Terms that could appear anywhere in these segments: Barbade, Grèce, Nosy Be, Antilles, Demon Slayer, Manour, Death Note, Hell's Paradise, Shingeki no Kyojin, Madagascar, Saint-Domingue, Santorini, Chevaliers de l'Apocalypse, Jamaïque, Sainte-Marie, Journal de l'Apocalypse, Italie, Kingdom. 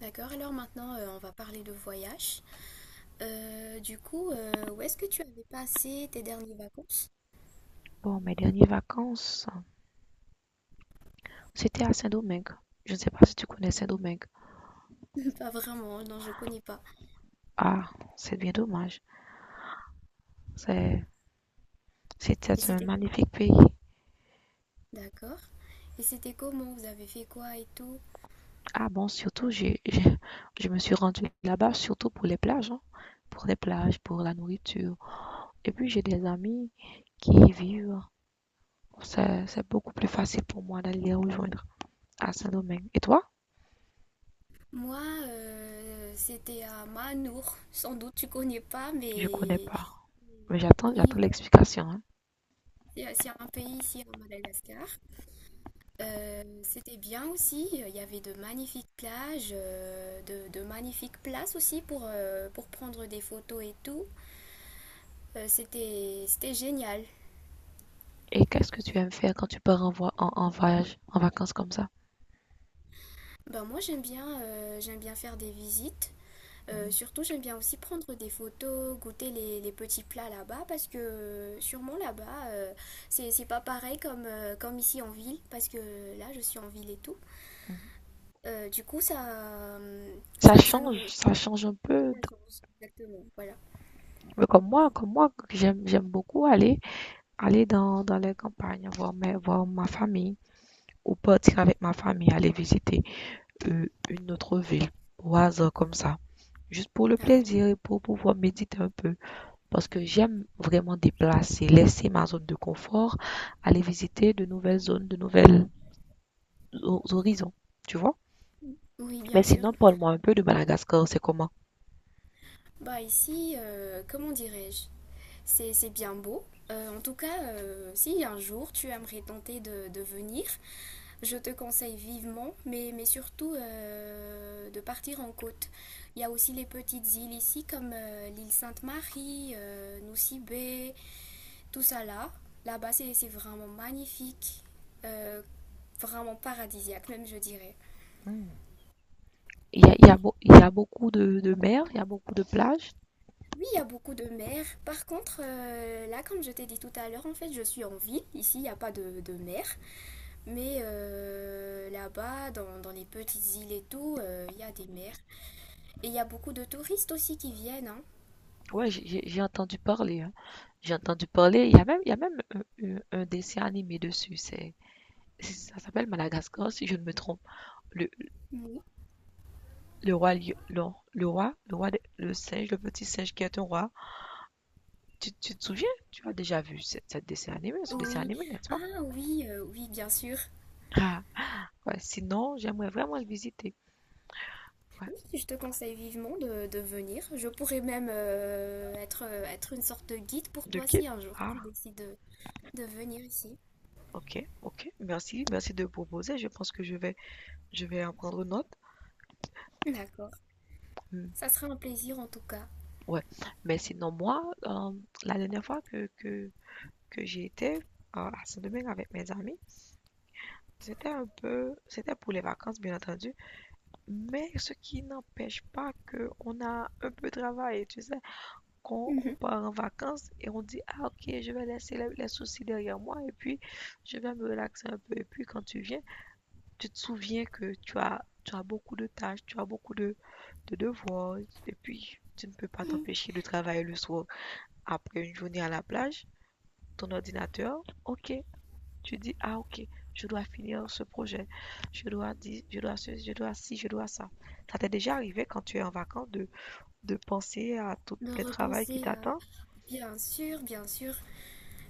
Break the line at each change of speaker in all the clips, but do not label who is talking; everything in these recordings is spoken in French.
D'accord, alors maintenant on va parler de voyage. Où est-ce que tu avais passé tes dernières vacances?
Bon, mes dernières vacances, c'était à Saint-Domingue. Je ne sais pas si tu connais Saint-Domingue.
Pas vraiment, hein, non, je connais pas.
Ah, c'est bien dommage. C'est,
Et
C'était un
c'était comment?
magnifique pays.
D'accord. Et c'était comment? Vous avez fait quoi et tout?
Ah bon, surtout, je me suis rendue là-bas surtout pour les plages, hein. Pour les plages, pour la nourriture. Et puis, j'ai des amis qui y vivent. C'est beaucoup plus facile pour moi d'aller les rejoindre à Saint-Domingue. Et toi?
Moi, c'était à Manour. Sans doute tu connais pas,
Je connais
mais
pas. Mais j'attends,
oui,
j'attends
voilà.
l'explication, hein.
C'est un pays ici à Madagascar. C'était bien aussi, il y avait de magnifiques plages, de magnifiques places aussi pour prendre des photos et tout. C'était génial.
Et qu'est-ce que tu aimes faire quand tu pars en, en voyage, en vacances comme ça?
Ben moi j'aime bien faire des visites. Surtout j'aime bien aussi prendre des photos, goûter les petits plats là-bas parce que sûrement là-bas c'est pas pareil comme, comme ici en ville parce que là je suis en ville et tout. Euh, du coup ça,
ça
ça nous...
change, ça change un peu.
ça change, exactement, voilà.
Mais j'aime beaucoup aller dans, dans les campagnes, voir ma famille, ou partir avec ma famille, aller visiter une autre ville, au hasard comme ça, juste pour le
Ah oui.
plaisir et pour pouvoir méditer un peu. Parce que j'aime vraiment déplacer, laisser ma zone de confort, aller visiter de nouvelles zones, de nouvelles horizons, tu vois.
Oui, bien
Mais
sûr.
sinon, parle-moi un peu de Madagascar, c'est comment?
Bah ici, comment dirais-je? C'est bien beau. En tout cas, si un jour tu aimerais tenter de venir, je te conseille vivement, mais surtout de partir en côte. Il y a aussi les petites îles ici, comme l'île Sainte-Marie, Nosy Be, tout ça là. Là-bas, c'est vraiment magnifique, euh, vraiment paradisiaque même, je dirais.
Hmm. Il y a beaucoup de mer, il y a beaucoup de plages.
Oui, il y a beaucoup de mer. Par contre, là, comme je t'ai dit tout à l'heure, en fait, je suis en ville. Ici, il n'y a pas de mer. Mais là-bas, dans les petites îles et tout, il y a des mers. Et il y a beaucoup de touristes aussi qui viennent, hein.
Ouais, j'ai entendu parler, hein. J'ai entendu parler. Il y a même un, un dessin animé dessus. Ça s'appelle Madagascar, si je ne me trompe. Le,
Oui.
le roi, lion- le, le singe, le petit singe qui est un roi. Tu te souviens? Tu as déjà vu ce dessin
Oui.
animé, n'est-ce pas?
Ah oui, oui, bien sûr.
Ah, ouais. Sinon, j'aimerais vraiment le visiter. Ouais.
Oui, je te conseille vivement de venir. Je pourrais même être une sorte de guide pour
De
toi
qui?
si un jour
Ah,
tu décides de venir ici.
ok, ok. Merci, merci de proposer. Je pense que je vais en prendre note.
D'accord.
Hmm.
Ça sera un plaisir en tout cas.
Ouais, mais sinon, moi, la dernière fois que j'ai été à Saint-Domingue avec mes amis, c'était pour les vacances, bien entendu, mais ce qui n'empêche pas qu'on a un peu de travail, tu sais, quand on
Mhm.
part en vacances et on dit, ah ok, je vais laisser les soucis derrière moi et puis je vais me relaxer un peu. Et puis quand tu viens, tu te souviens que tu as beaucoup de tâches, tu as beaucoup de devoirs et puis tu ne peux pas t'empêcher de travailler le soir, après une journée à la plage, ton ordinateur. Ok, tu dis, ah ok, je dois finir ce projet, je dois dire, je dois ceci, je dois ci, je dois ça. Ça t'est déjà arrivé quand tu es en vacances de penser à tout
De
le travail qui
repenser à,
t'attend?
bien sûr, bien sûr.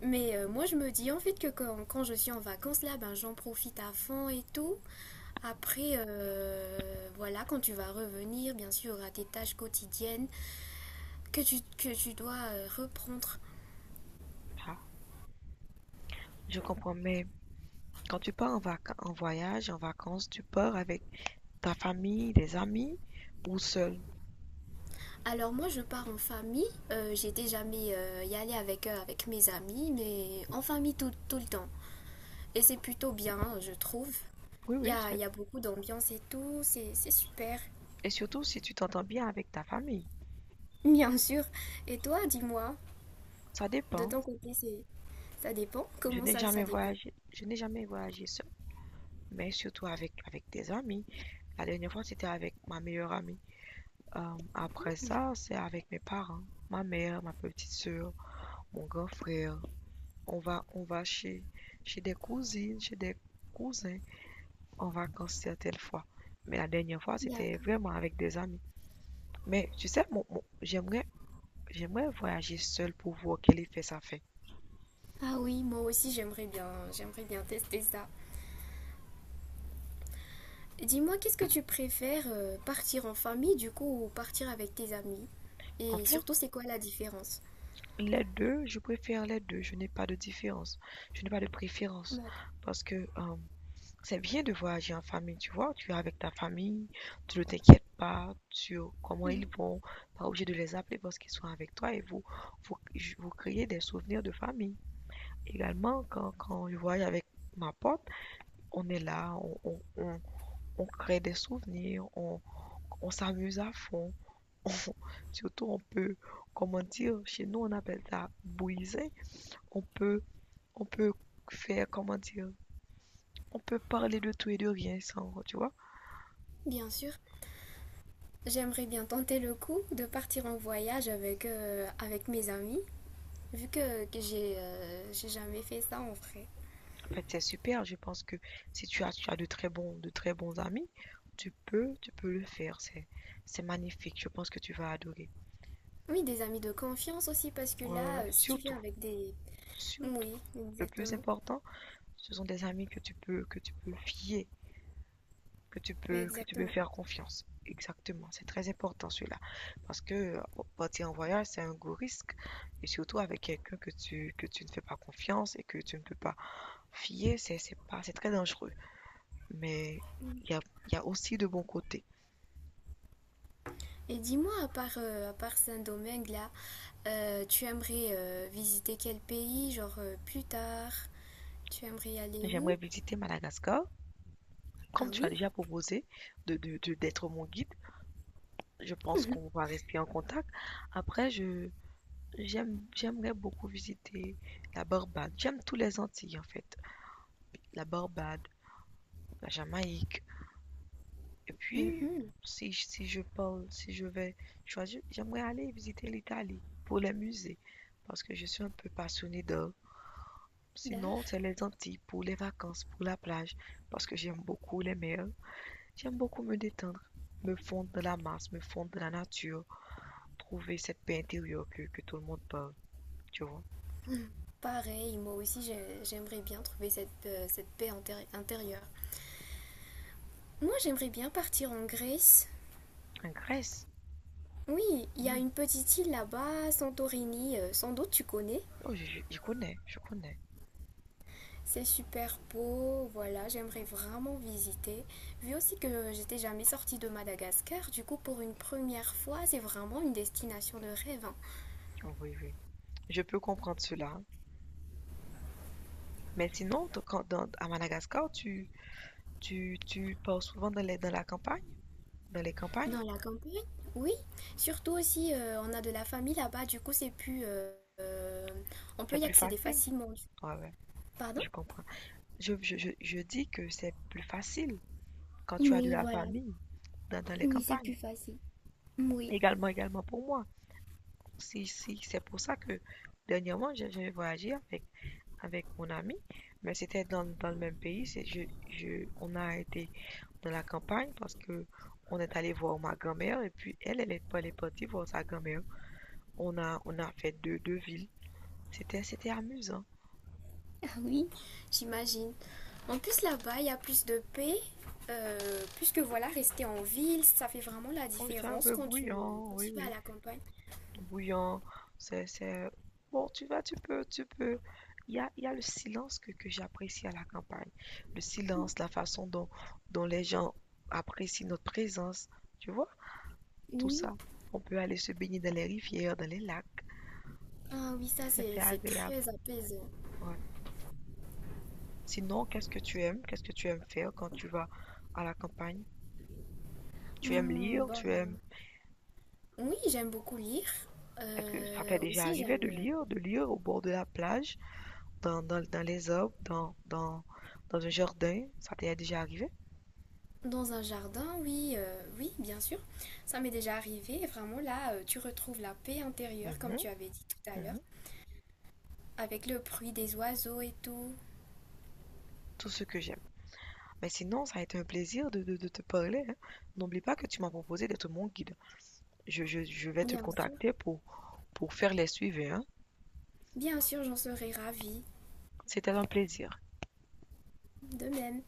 Mais moi, je me dis en fait que quand je suis en vacances là, ben j'en profite à fond et tout. Après, voilà, quand tu vas revenir, bien sûr, à tes tâches quotidiennes que que tu dois reprendre.
Ah, je comprends, mais quand tu pars en en voyage, en vacances, tu pars avec ta famille, des amis ou seul?
Alors moi, je pars en famille. J'étais jamais y aller avec eux, avec mes amis, mais en famille tout le temps. Et c'est plutôt bien, hein, je trouve.
Oui, oui, seul.
Il y a beaucoup d'ambiance et tout, c'est super.
Et surtout si tu t'entends bien avec ta famille.
Bien sûr. Et toi, dis-moi,
Ça
de
dépend.
ton côté, c'est... Ça dépend?
Je
Comment
n'ai
ça, ça
jamais
dépend?
voyagé, je n'ai jamais voyagé seul, mais surtout avec, avec tes amis. La dernière fois, c'était avec ma meilleure amie. Après ça, c'est avec mes parents, ma mère, ma petite sœur, mon grand frère. On va chez, chez des cousines, chez des cousins en vacances certaines fois. Mais la dernière fois, c'était
D'accord.
vraiment avec des amis. Mais tu sais, j'aimerais voyager seule pour voir quel effet ça fait.
Ah oui, moi aussi j'aimerais bien tester ça. Dis-moi, qu'est-ce que tu préfères, partir en famille du coup ou partir avec tes amis?
En
Et
fait,
surtout, c'est quoi la différence?
je préfère les deux. Je n'ai pas de différence. Je n'ai pas de préférence
D'accord.
parce que c'est bien de voyager en famille, tu vois. Tu es avec ta famille, tu ne t'inquiètes pas sur comment ils vont, pas obligé de les appeler parce qu'ils sont avec toi et vous, vous créez des souvenirs de famille. Également, quand je voyage avec ma pote, on est là, on crée des souvenirs, on s'amuse à fond. On- Surtout, on peut, comment dire, chez nous, on appelle ça bouiser. On peut, on peut faire, comment dire, on peut parler de tout et de rien sans, tu vois.
Bien sûr, j'aimerais bien tenter le coup de partir en voyage avec, avec mes amis, vu que j'ai jamais fait ça en vrai.
En fait, c'est super. Je pense que si tu as de très bons amis, tu peux le faire. C'est magnifique. Je pense que tu vas adorer.
Oui, des amis de confiance aussi, parce que
Ouais, ouais,
là,
ouais.
si tu viens
Surtout,
avec des...
surtout.
Oui,
Le plus
exactement.
important, ce sont des amis que que tu peux fier,
Oui,
que tu peux
exactement.
faire confiance. Exactement. C'est très important celui-là. Parce que partir en voyage, c'est un gros risque. Et surtout avec quelqu'un que tu ne fais pas confiance et que tu ne peux pas fier, c'est pas, c'est très dangereux. Mais il y a, il y a aussi de bons côtés.
Et dis-moi, à part Saint-Domingue, là, tu aimerais visiter quel pays, genre plus tard? Tu aimerais aller
J'aimerais
où?
visiter Madagascar.
Ah
Comme tu
oui?
as déjà proposé d'être mon guide, je pense qu'on va rester en contact. Après, j'aimerais beaucoup visiter la Barbade. J'aime tous les Antilles, en fait. La Barbade, la Jamaïque. Et puis,
Mhm.
si, si je parle, si je vais choisir, j'aimerais aller visiter l'Italie pour les musées, parce que je suis un peu passionnée d'art. Sinon,
Dar.
c'est les Antilles pour les vacances, pour la plage, parce que j'aime beaucoup les mers, j'aime beaucoup me détendre, me fondre de la masse, me fondre de la nature, trouver cette paix intérieure que tout le monde parle, tu vois.
Pareil, moi aussi j'aimerais bien trouver cette, cette intérieure. Moi j'aimerais bien partir en Grèce.
En Grèce,
Oui, il y a
hmm,
une petite île là-bas, Santorini, sans doute tu connais.
oh, connais, je connais.
C'est super beau, voilà, j'aimerais vraiment visiter. Vu aussi que j'étais jamais sortie de Madagascar, du coup pour une première fois, c'est vraiment une destination de rêve, hein.
Oh, oui, oui. Je peux comprendre cela. Mais sinon, quand, à Madagascar, tu pars souvent dans dans la campagne, dans les campagnes,
Dans la campagne, oui. Surtout aussi, on a de la famille là-bas, du coup c'est plus... euh, on peut
c'est
y
plus
accéder
facile.
facilement.
Ouais, ouais,
Pardon?
je comprends. Je dis que c'est plus facile quand tu as de
Oui,
la
voilà.
famille dans, dans les
Oui, c'est
campagnes.
plus facile. Oui.
Également, également pour moi. Si, si, c'est pour ça que dernièrement, j'ai voyagé avec, avec mon ami, mais c'était dans, dans le même pays. On a été dans la campagne parce que on est allé voir ma grand-mère et puis elle est partie voir sa grand-mère. On a fait deux villes. C'était amusant.
Ah oui. J'imagine. En plus, là-bas, il y a plus de paix. Puisque voilà, rester en ville, ça fait vraiment la
Oh, c'est un
différence
peu
quand
bruyant,
quand
oui,
tu vas à
oui.
la campagne.
Bouillant. C'est... Bon, tu vas, tu peux. Il y a le silence que j'apprécie à la campagne. Le silence, la façon dont les gens apprécient notre présence. Tu vois, tout
Oui.
ça. On peut aller se baigner dans les rivières, dans les lacs.
Ah oui, ça
C'est
c'est c'est
agréable.
très apaisant.
Ouais. Sinon, qu'est-ce que tu aimes? Qu'est-ce que tu aimes faire quand tu vas à la campagne? Tu aimes
Hmm,
lire? Tu
bon.
aimes...
Oui, j'aime beaucoup lire.
Est-ce que ça t'est déjà
Aussi,
arrivé
j'aime
de lire au bord de la plage? Dans les arbres, dans un jardin, ça t'est déjà arrivé?
dans un jardin, oui, oui, bien sûr. Ça m'est déjà arrivé. Et vraiment, là, tu retrouves la paix intérieure, comme
Mhm,
tu avais dit tout à l'heure,
mhm.
avec le bruit des oiseaux et tout.
Tout ce que j'aime. Mais sinon, ça a été un plaisir de te parler, hein. N'oublie pas que tu m'as proposé d'être mon guide. Je vais te
Bien sûr.
contacter pour faire les suivis, hein.
Bien sûr, j'en serais ravie.
C'était un plaisir.
De même.